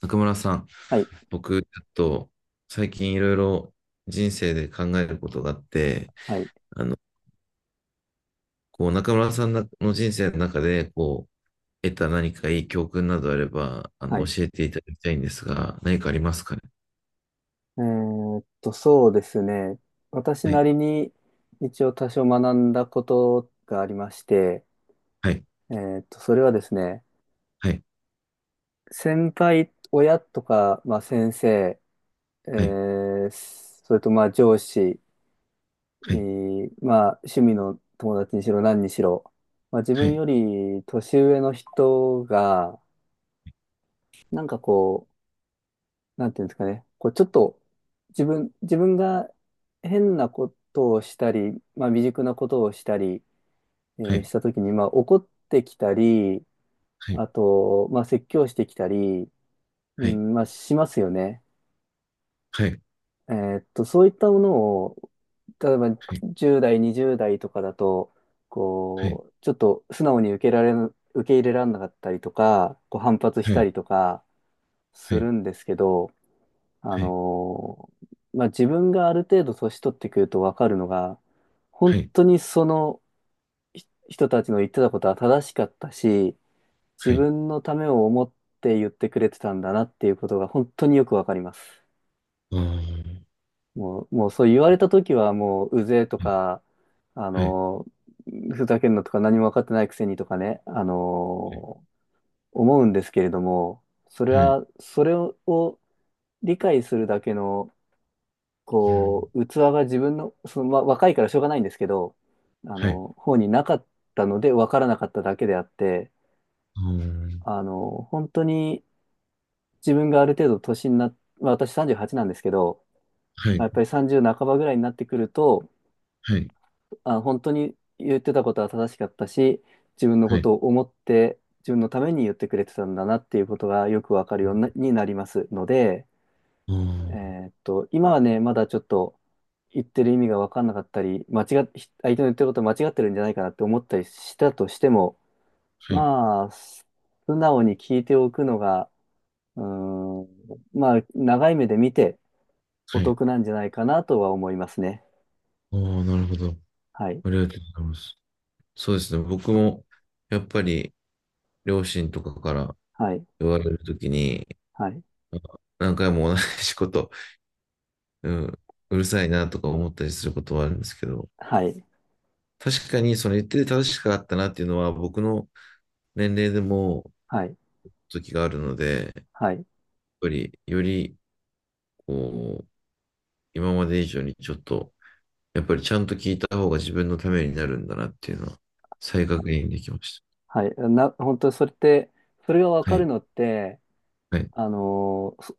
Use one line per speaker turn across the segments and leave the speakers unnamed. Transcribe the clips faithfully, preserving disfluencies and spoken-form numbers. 中村さん、
はい、
僕、ちょっと最近いろいろ人生で考えることがあって、
はい、
あの、こう、中村さんの人生の中で、こう、得た何かいい教訓などあれば、あ
はい。
の、教
え
えていただきたいんですが、何かありますかね？
ーっと、そうですね。私
は
な
い、
りに一応多少学んだことがありまして、
はい、
えーっと、それはですね、
はい、
先輩、親とか、まあ、先生、え
はい、
ーそれとまあ上司、え
はい、
ーまあ、趣味の友達にしろ何にしろ、まあ、自
は
分
い、
より年上の人が、なんかこなんていうんですかね、こうちょっと自分、自分が変なことをしたり、まあ、未熟なことをしたり、え
は
ー
い、
したときに、まあ、怒ってきたり、
はい、
あと、まあ、説教してきたり、う
はい、
ん、まあ、しますよね。
はい、
えーっと、そういったものを、例えばじゅう代、にじゅう代とかだと、
はい、
こう、ちょっと素直に受けられな、受け入れられなかったりとか、こう反発し
はい、は
た
い、
りとか
は
す
い、
るんですけど、あ
はい、
のーまあ、自分がある程度年取ってくると分かるのが、本
はい、
当にそのひ人たちの言ってたことは正しかったし、自
はい、
分のためを思って言ってくれてたんだなっていうことが本当によく分かります。
あー、
もう、もうそう言われた時はもううぜえと
はい、
か、あ
はい、
のーふざけんなとか何も分かってないくせにとかね、あのー思うんですけれども、それ
はい、
は、それを理解するだけの
うん、
こう、器が自分の、その、ま、若いからしょうがないんですけど、あ
はい、
の、方になかったので分からなかっただけであって、
あー、
あの、本当に自分がある程度年になっ、まあ、私さんじゅうはちなんですけど、
は
まあ、
い、
やっぱりさんじゅう半ばぐらいになってくると、
はい、
あ、本当に言ってたことは正しかったし、自分の
は
こ
い、はい、
とを思って、自分のために言ってくれてたんだなっていうことがよくわかるようになになりますので、
あー、
えーっと、今はね、まだちょっと言ってる意味が分かんなかったり、間違っ、相手の言ってること間違ってるんじゃないかなって思ったりしたとしても、
はい。
まあ、素直に聞いておくのが、うーん、まあ、長い目で見てお
はい。
得なんじゃないかなとは思いますね。
おー、なるほど。
はい、
ありがとうございます。そうですね。僕も、やっぱり、両親とかから
はい、
言われるときに、
はい、
あ、何回も同じこと、うん、うるさいなとか思ったりすることはあるんですけど、
はい、
確かに、その言ってて正しかったなっていうのは、僕の年齢でも、
はい、
時があるので、やっ
はい、
ぱり、より、こう、今まで以上にちょっと、やっぱりちゃんと聞いた方が自分のためになるんだなっていうのは、再確認できまし
はい。な、本当それって、それが分
た。は
かる
い。
のって、
はい。
あのー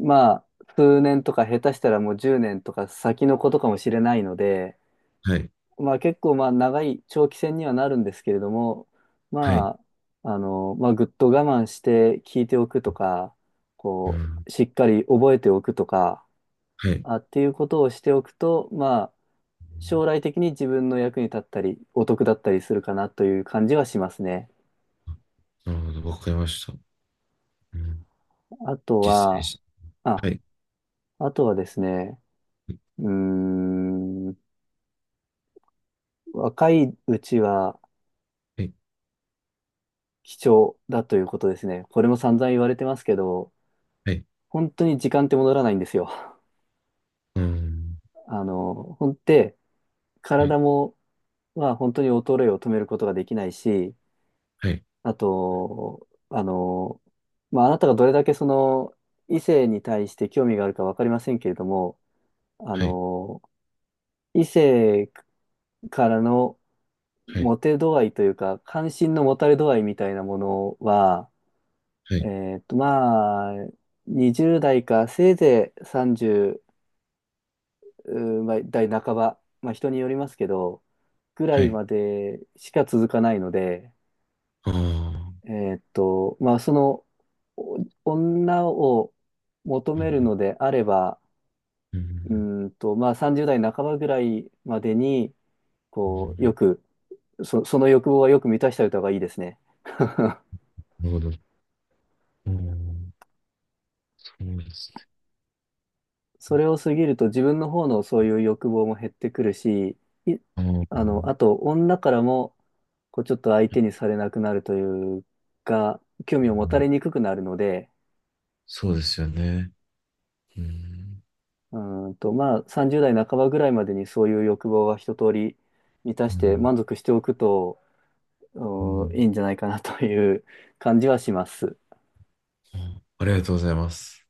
まあ、数年とか下手したらもうじゅうねんとか先のことかもしれないので、
はい。
まあ結構まあ長い長期戦にはなるんですけれども、
は
ま
い。
あ、あの、まあぐっと我慢して聞いておくとか、
う
こ
ん。
う、しっかり覚えておくとか、
はい。
あ、っていうことをしておくと、まあ、将来的に自分の役に立ったり、お得だったりするかなという感じはしますね。
なるほど、わかりました。うん。
あと
実践
は、
し、
あ、
はい。
あとはですね、うーん、若いうちは、
はい。
貴重だということですね。これも散々言われてますけど、
はい。
本当に時間って戻らないんですよ。
うん。
あの、ほんで、
はい。
体も、まあ、本当に衰えを止めることができないし、
はい。
あと、あの、まあ、あなたがどれだけその異性に対して興味があるかわかりませんけれども、あ
はい。
の、異性からの
はい。
モテ度合いというか、関心の持たれ度合いみたいなものは、
は
え
い。
ーっと、まあ、にじゅう代か、せいぜいさんじゅうまあ代半ば、まあ人によりますけど、ぐら
は
い
い。
までしか続かないので、
ああ。
えーっと、まあその、お女を求
う
める
ん。
のであれば、
う
う
ん。
ーんと、まあさんじゅう代半ばぐらいまでに、
う
こう、よ
ん、
く、そ、その欲望はよく満たしておいた方がいいですね。
なるほど。うん。そうですね。
それを過ぎると自分の方のそういう欲望も減ってくるし、い、
あ
あの、
あ。
あと女からもこうちょっと相手にされなくなるというか、興
う
味を持た
ん、
れにくくなるので、
そうですよね。うん。
うーんと、まあさんじゅう代半ばぐらいまでにそういう欲望は一通り満た
う
して
ん。
満足しておくと、う
う
ーんい
ん、
いんじゃないかなという感じはします。
あ、ありがとうございます。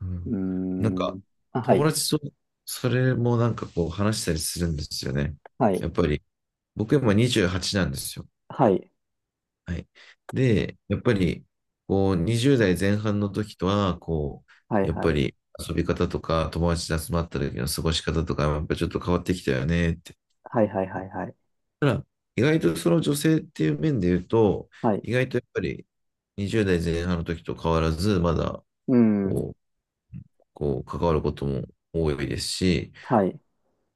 う
うー
ん。なんか、
ん。あ、は
友
い。
達とそれもなんかこう話したりするんですよね。
は
や
い。
っぱり、僕今にじゅうはちなんですよ。
はい。
はい。で、やっぱり、こう、にじゅう代前半の時とは、こ
は
う、
い、
やっ
は
ぱ
い。
り遊び方とか、友達で集まった時の過ごし方とか、やっぱりちょっと変わってきたよねって。
はい、はい、はい、はい。
ただ、意外とその女性っていう面で言うと、
はい。
意外とやっぱりにじゅう代前半の時と変わらず、まだ
うん。
こう、こう関わることも多いですし、
はい。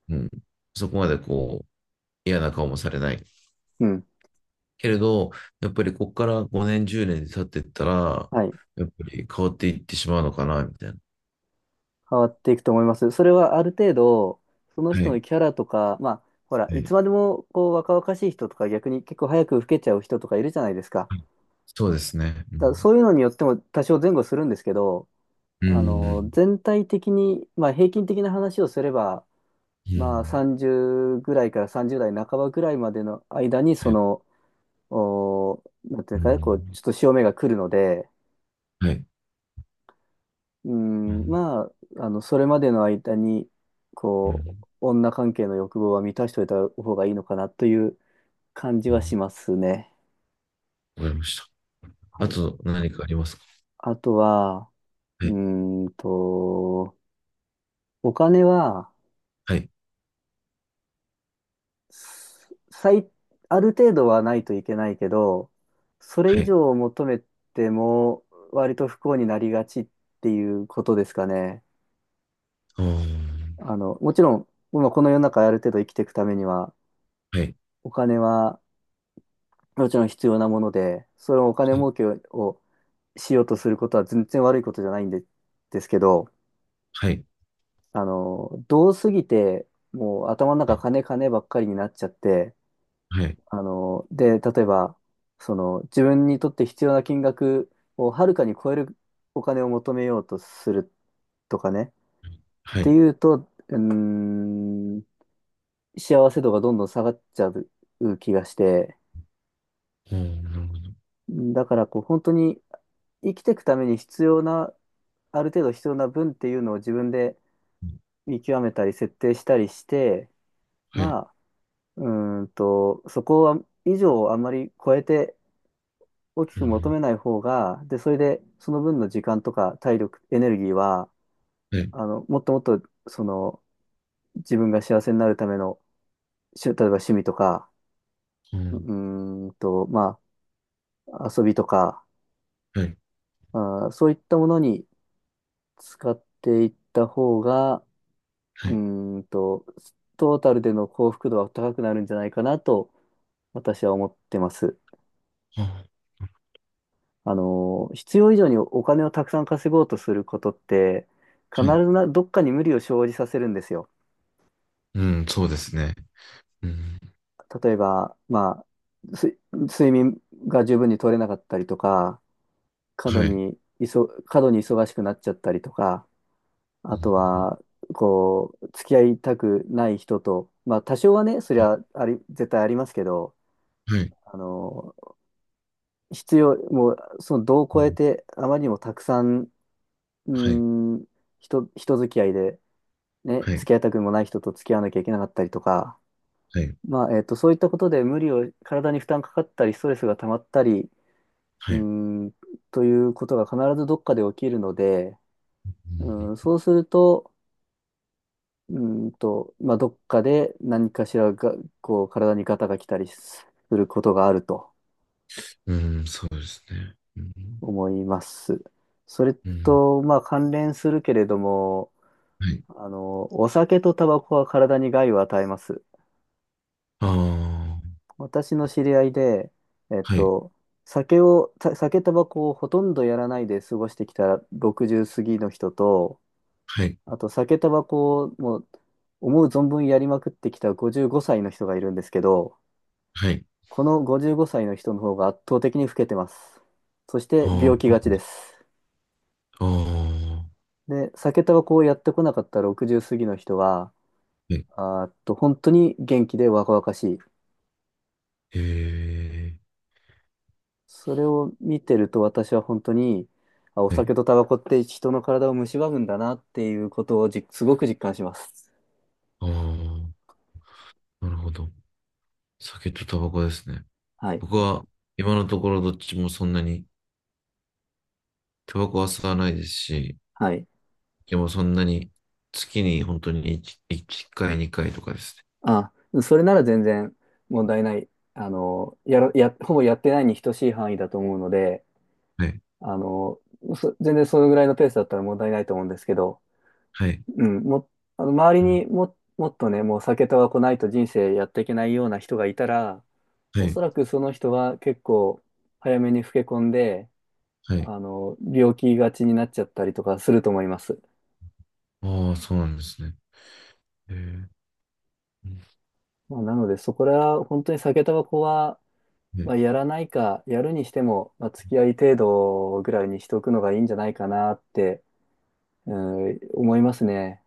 うん。そこまでこう、嫌な顔もされない。
うん。
けれど、やっぱりここからごねん、じゅうねん経っていったら、
はい。
やっぱり変わっていってしまうのかな、みたいな。
変わっていくと思います。それはある程度、その
は
人の
い。
キャラとか、まあ、ほら、
は
い
い。
つまでもこう若々しい人とか、逆に結構早く老けちゃう人とかいるじゃないですか。
はい、そうですね。う
だから
ん。
そういうのによっても多少前後するんですけど、
う
あの、
ん。
全体的に、まあ、平均的な話をすれば、
う
まあ、
ん。
さんじゅうぐらいからさんじゅう代半ばぐらいまでの間に、
は
そ
い、
の、お、なんていう
う
かね、こう、ち
ん。
ょっと潮目が来るので、
はい。
う
う
ん、
ん。
まあ、あの、それまでの間に、
う
こう、
ん。
女関係の欲望は満たしておいた方がいいのかなという感じ
う
はし
ん、
ますね。
わかりました。
は
あ
い。
と何かありますか？
あとは、
は
う
い。
ーんと、お金は、
はい。
す最、ある程度はないといけないけど、それ
は
以
い。
上を求めても、割と不幸になりがちっていうことですかね。
あー、
あの、もちろん、今この世の中ある程度生きていくためには、
はい。
お金は、もちろん必要なもので、それをお金
はい。
儲けをしようとすることは全然悪いことじゃないんで、ですけど、
はい。
あの、どうすぎて、もう頭の
は
中
い。
金金ばっかりになっちゃって、
はい。
あの、で、例えば、その自分にとって必要な金額をはるかに超えるお金を求めようとするとかね、っ
は
て
い、
いうと、うーん、幸せ度がどんどん下がっちゃう気がして、
あー、なるほど。
だからこう本当に生きていくために必要なある程度必要な分っていうのを自分で見極めたり設定したりして、
は
ま
い。
あ、うーんと、そこは以上をあまり超えて大き
う
く求
ん。
めない方が、で、それでその分の時間とか体力、エネルギーは、
はい。
あの、もっともっと、その、自分が幸せになるための、しゅ例えば趣味とか、
う
う
ん。
ーんと、まあ、遊びとか、
はい。
あー、そういったものに使っていった方が、
は
う
い。
ーんと、トータルでの幸福度は高くなるんじゃないかなと私は思ってます。
あ、
あの、必要以上にお金をたくさん稼ごうとすることって、必
はい。
ずな、どっかに無理を生じさせるんですよ。
うん、そうですね。うん、
例えば、まあ、す睡眠が十分に取れなかったりとか、過度
はい。
に、いそ、過度に忙しくなっちゃったりとか、あ
う
と
ん、
は、こう、付き合いたくない人と、まあ、多少はね、それはあり、絶対ありますけど、
はい。
あの、必要、もう、その度を
う
超え
ん、
て、あまりにもたくさん、うー
はい。
ん、人、人付き合いで、ね、
は
付
い。
き合いたくもない人と付き合わなきゃいけなかったりとか、
はい。
まあ、えっと、そういったことで無理を、体に負担かかったり、ストレスが溜まったり、う
は
ー
い。
ん、ということが必ずどっかで起きるので、うん、そうすると、うーんと、まあ、どっかで何かしらが、こう、体にガタが来たりすることがあると
うん、うん、そうですね。うん、
思います。それ
うん、
と、まあ、関連するけれども、
はい。
あの、お酒とタバコは体に害を与えます。
ああ、
私の知り合いで、えっ
はい。
と、酒を、た酒、タバコをほとんどやらないで過ごしてきたろくじゅう過ぎの人と、
はい。
あと酒、タバコをもう思う存分やりまくってきたごじゅうごさいの人がいるんですけど、
はい。
このごじゅうごさいの人の方が圧倒的に老けてます。そして病
あ
気がち
あ、
です。
ああ、は
で、酒、タバコをやってこなかったろくじゅう過ぎの人は、
い。
あーっと、本当に元気で若々しい。
え
それを見てると私は本当に、あ、お
ー、はい。
酒とタバコって人の体を蝕むんだなっていうことをじ、すごく実感します。
ああ、なるほど。酒とタバコですね。
はい。
僕
こ
は今のところどっちもそんなにタバコは吸わないですし、
はい。
でもそんなに、月に本当に いち, 一回、にかいとかです
あ、それなら全然問題ない。あの、やら、や、ほぼやってないに等しい範囲だと思うので、
ね。はい。
あの、そ全然そのぐらいのペースだったら問題ないと思うんですけど、
はい。
うん、も、あの、周り
うん、
にも、もっとね、もう酒タバコないと人生やっていけないような人がいたら、
は
おそ
い。
らくその人は結構早めに老け込んで、
はい。
あの、病気がちになっちゃったりとかすると思います。
ああ、そうなんですね。へえ、うん、
まあ、なので、そこら、本当に酒タバコは、
は
ま
い
あ、やらないか、やるにしても、まあ、付き合い程度ぐらいにしておくのがいいんじゃないかなって、うん、思いますね。